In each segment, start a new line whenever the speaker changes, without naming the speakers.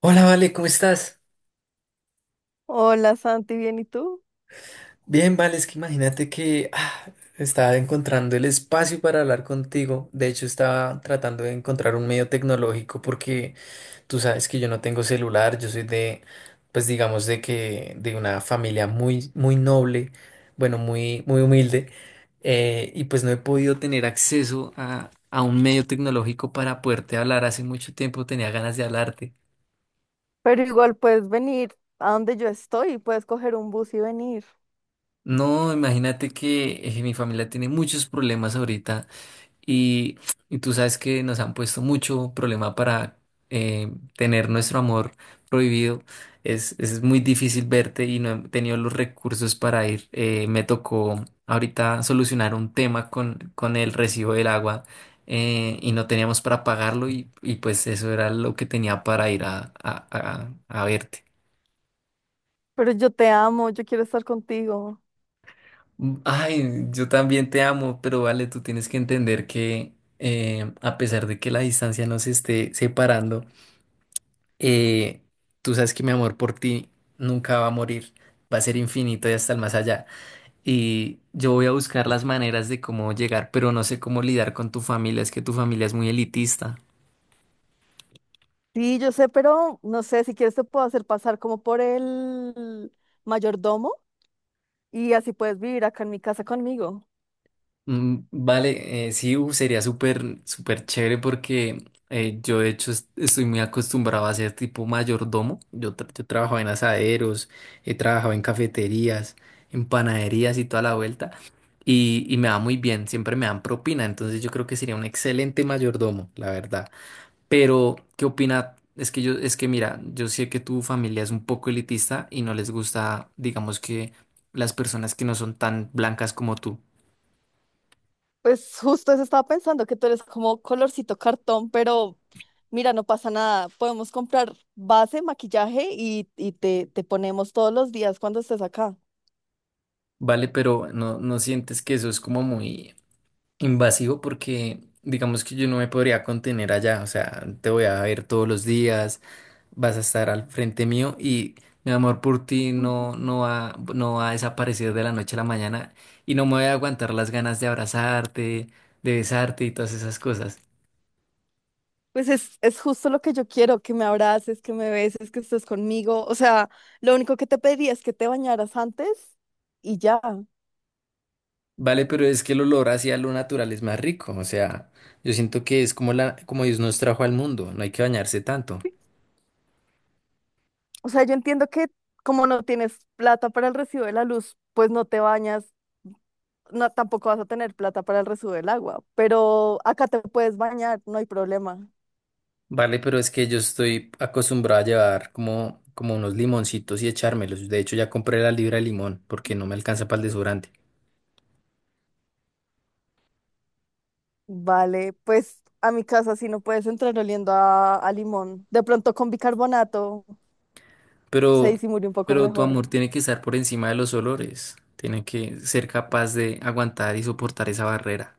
Hola, Vale, ¿cómo estás?
Hola Santi, bien, ¿y tú?
Bien, Vale, es que imagínate que estaba encontrando el espacio para hablar contigo. De hecho, estaba tratando de encontrar un medio tecnológico porque tú sabes que yo no tengo celular, yo soy de, pues digamos, de una familia muy, muy noble, bueno, muy, muy humilde, y pues no he podido tener acceso a un medio tecnológico para poderte hablar. Hace mucho tiempo tenía ganas de hablarte.
Pero igual puedes venir a donde yo estoy, puedes coger un bus y venir.
No, imagínate que mi familia tiene muchos problemas ahorita. Y, y tú sabes que nos han puesto mucho problema para tener nuestro amor prohibido. Es muy difícil verte y no he tenido los recursos para ir. Me tocó ahorita solucionar un tema con el recibo del agua, y no teníamos para pagarlo y pues eso era lo que tenía para ir a verte.
Pero yo te amo, yo quiero estar contigo.
Mm, ay, yo también te amo, pero vale, tú tienes que entender que a pesar de que la distancia nos esté separando, eh, tú sabes que mi amor por ti nunca va a morir, va a ser infinito y hasta el más allá. Y yo voy a buscar las maneras de cómo llegar, pero no sé cómo lidiar con tu familia, es que tu familia es muy elitista.
Sí, yo sé, pero no sé, si quieres te puedo hacer pasar como por el mayordomo y así puedes vivir acá en mi casa conmigo.
Mm, vale, sí, uf, sería súper, súper chévere porque yo de hecho estoy muy acostumbrado a ser tipo mayordomo. Yo, yo trabajaba en asaderos, he trabajado en cafeterías, en panaderías y toda la vuelta. Y me va muy bien, siempre me dan propina, entonces yo creo que sería un excelente mayordomo, la verdad. Pero, ¿qué opina? Es que yo, es que mira, yo sé que tu familia es un poco elitista y no les gusta, digamos que, las personas que no son tan blancas como tú.
Pues justo eso estaba pensando, que tú eres como colorcito cartón, pero mira, no pasa nada. Podemos comprar base, maquillaje y te ponemos todos los días cuando estés acá.
Vale, pero no, no sientes que eso es como muy invasivo porque digamos que yo no me podría contener allá, o sea, te voy a ver todos los días, vas a estar al frente mío y mi amor por ti no, no va, no va a desaparecer de la noche a la mañana y no me voy a aguantar las ganas de abrazarte, de besarte y todas esas cosas.
Pues es justo lo que yo quiero, que me abraces, que me beses, que estés conmigo. O sea, lo único que te pediría es que te bañaras antes y ya.
Vale, pero es que el olor hacia lo natural es más rico, o sea, yo siento que es como la, como Dios nos trajo al mundo, no hay que bañarse tanto.
O sea, yo entiendo que como no tienes plata para el recibo de la luz, pues no te bañas, no, tampoco vas a tener plata para el recibo del agua, pero acá te puedes bañar, no hay problema.
Vale, pero es que yo estoy acostumbrado a llevar como, como unos limoncitos y echármelos. De hecho, ya compré la libra de limón porque no me alcanza para el desodorante.
Vale, pues a mi casa sí no puedes entrar oliendo a limón. De pronto con bicarbonato se
Pero,
disimula un poco
pero tu
mejor.
amor tiene que estar por encima de los olores. Tiene que ser capaz de aguantar y soportar esa barrera.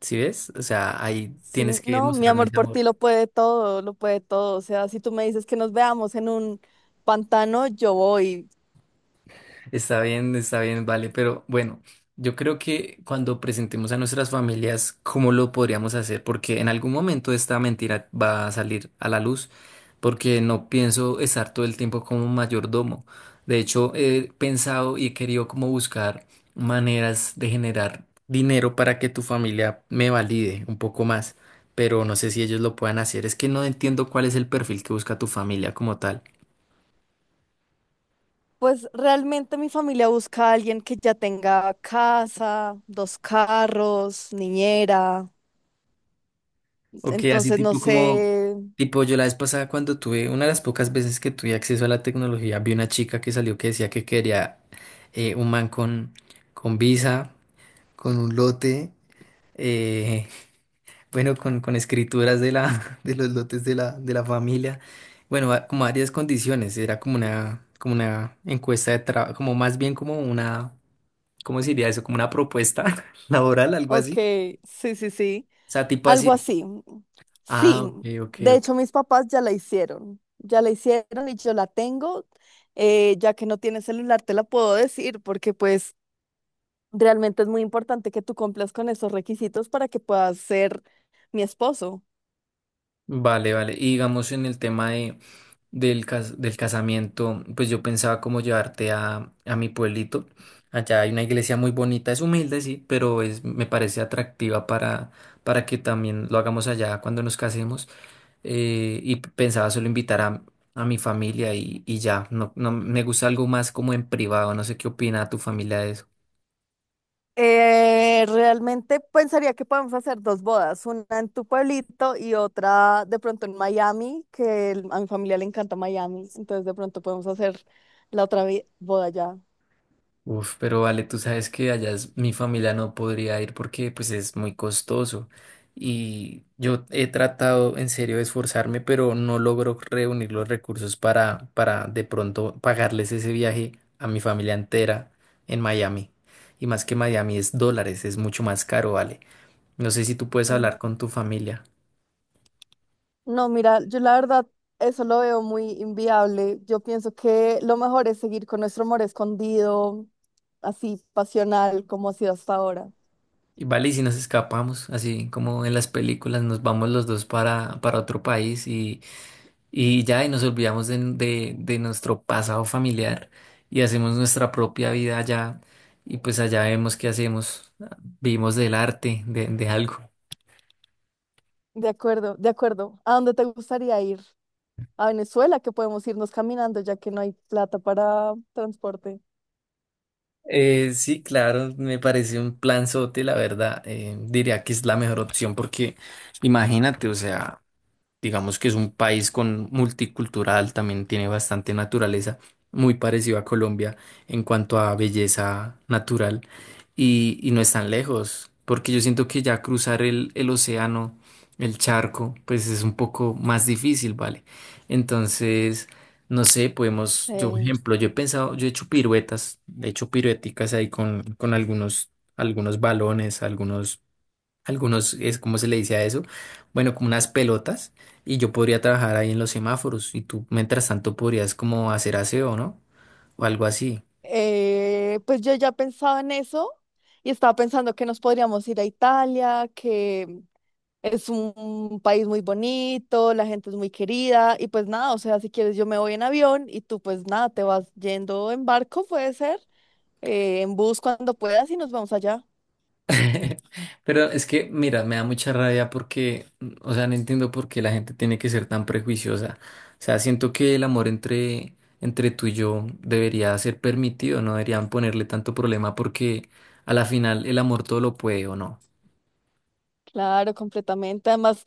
¿Sí ves? O sea, ahí
Sí,
tienes que
no, mi
demostrarme
amor
ese
por ti
amor.
lo puede todo, lo puede todo. O sea, si tú me dices que nos veamos en un pantano, yo voy.
Está bien, vale, pero bueno, yo creo que cuando presentemos a nuestras familias, ¿cómo lo podríamos hacer? Porque en algún momento esta mentira va a salir a la luz, porque no pienso estar todo el tiempo como mayordomo. De hecho, he pensado y he querido como buscar maneras de generar dinero para que tu familia me valide un poco más, pero no sé si ellos lo puedan hacer. Es que no entiendo cuál es el perfil que busca tu familia como tal.
Pues realmente mi familia busca a alguien que ya tenga casa, dos carros, niñera.
Ok, así
Entonces, no
tipo como,
sé.
tipo yo la vez pasada cuando tuve, una de las pocas veces que tuve acceso a la tecnología, vi una chica que salió que decía que quería un man con visa, con un lote, eh, bueno, con escrituras de la, de los lotes de la familia, bueno, como varias condiciones, era como una encuesta de trabajo, como más bien como una, ¿cómo se diría eso? Como una propuesta laboral, algo
Ok,
así,
sí, sí, sí.
o sea, tipo
Algo
así.
así.
Ah,
Sí,
ok, ok,
de
ok.
hecho mis papás ya la hicieron. Ya la hicieron y yo la tengo. Ya que no tiene celular, te la puedo decir porque pues... Realmente es muy importante que tú cumplas con esos requisitos para que puedas ser mi esposo.
Vale, vale. Y digamos en el tema de, del, del casamiento, pues yo pensaba como llevarte a mi pueblito. Allá hay una iglesia muy bonita, es humilde, sí, pero es, me parece atractiva para que también lo hagamos allá cuando nos casemos. Y pensaba solo invitar a mi familia y ya. No, no me gusta algo más como en privado. No sé qué opina tu familia de eso.
Realmente pensaría que podemos hacer dos bodas, una en tu pueblito y otra de pronto en Miami, que el- a mi familia le encanta Miami, entonces de pronto podemos hacer la otra vi- boda ya.
Uf, pero vale, tú sabes que allá mi familia no podría ir porque pues es muy costoso. Y yo he tratado en serio de esforzarme, pero no logro reunir los recursos para de pronto pagarles ese viaje a mi familia entera en Miami. Y más que Miami es dólares, es mucho más caro, vale. No sé si tú puedes
Mm.
hablar con tu familia.
No, mira, yo la verdad eso lo veo muy inviable. Yo pienso que lo mejor es seguir con nuestro amor escondido, así pasional como ha sido hasta ahora.
Y vale, y si nos escapamos, así como en las películas, nos vamos los dos para otro país. Y ya, y nos olvidamos de, de nuestro pasado familiar y hacemos nuestra propia vida allá. Y pues allá vemos qué hacemos. Vivimos del arte, de algo.
De acuerdo, de acuerdo. ¿A dónde te gustaría ir? A Venezuela, que podemos irnos caminando ya que no hay plata para transporte.
Sí, claro, me parece un plan planzote, la verdad. Diría que es la mejor opción porque imagínate, o sea, digamos que es un país con multicultural, también tiene bastante naturaleza, muy parecido a Colombia en cuanto a belleza natural y no es tan lejos, porque yo siento que ya cruzar el océano, el charco, pues es un poco más difícil, ¿vale? Entonces, no sé, podemos, yo, por
Eh,
ejemplo, yo he pensado, yo he hecho piruetas, he hecho pirueticas ahí con algunos, algunos balones, algunos es como se le dice a eso, bueno, como unas pelotas, y yo podría trabajar ahí en los semáforos y tú mientras tanto podrías como hacer aseo, ¿no? O algo así.
pues yo ya pensaba en eso y estaba pensando que nos podríamos ir a Italia, que es un país muy bonito, la gente es muy querida y pues nada, o sea, si quieres yo me voy en avión y tú pues nada, te vas yendo en barco, puede ser, en bus cuando puedas y nos vamos allá.
Pero es que, mira, me da mucha rabia porque, mm, o sea, no entiendo por qué la gente tiene que ser tan prejuiciosa. O sea, siento que el amor entre, entre tú y yo debería ser permitido, no deberían ponerle tanto problema porque a la final el amor todo lo puede o no.
Claro, completamente. Además,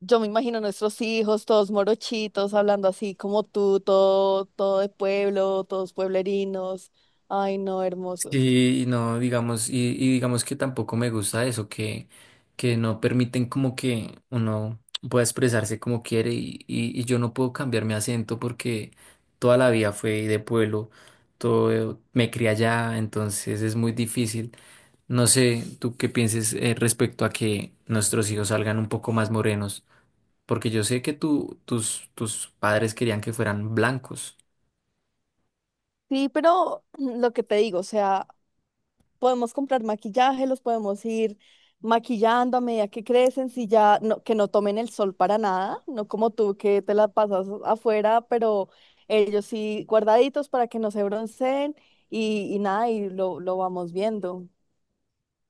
yo me imagino a nuestros hijos, todos morochitos, hablando así como tú, todo, todo de pueblo, todos pueblerinos. Ay, no, hermosos.
Sí, y no, digamos, y digamos que tampoco me gusta eso, que no permiten como que uno pueda expresarse como quiere y yo no puedo cambiar mi acento porque toda la vida fue de pueblo, todo me crié allá, entonces es muy difícil. No sé, tú qué pienses, respecto a que nuestros hijos salgan un poco más morenos, porque yo sé que tú, tus, tus padres querían que fueran blancos.
Sí, pero mm, lo que te digo, o sea, podemos comprar maquillaje, los podemos ir maquillando a medida que crecen, si ya no, que no tomen el sol para nada, no como tú que te la pasas afuera, pero ellos sí guardaditos para que no se bronceen y nada, y lo vamos viendo.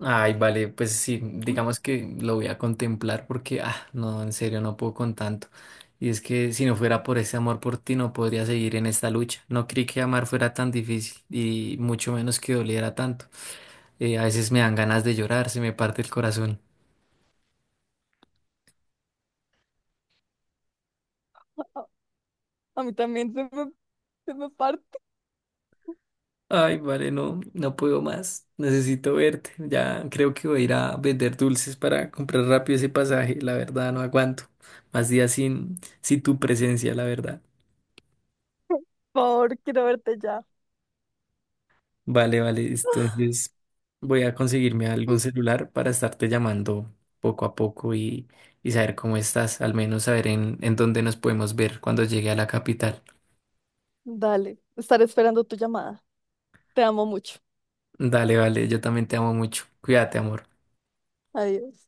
Ay, vale, pues sí, digamos que lo voy a contemplar porque, ah, no, en serio, no puedo con tanto. Y es que si no fuera por ese amor por ti, no podría seguir en esta lucha. No creí que amar fuera tan difícil y mucho menos que doliera tanto. A veces me dan ganas de llorar, se me parte el corazón.
A mí también se me parte.
Ay, vale, no, no puedo más. Necesito verte. Ya creo que voy a ir a vender dulces para comprar rápido ese pasaje. La verdad, no aguanto. Más días sin, sin tu presencia, la verdad.
Por favor, quiero verte ya.
Vale, vale. Entonces voy a conseguirme algún celular para estarte llamando poco a poco y saber cómo estás, al menos saber en dónde nos podemos ver cuando llegue a la capital.
Dale, estaré esperando tu llamada. Te amo mucho.
Dale, vale. Yo también te amo mucho. Cuídate, amor.
Adiós.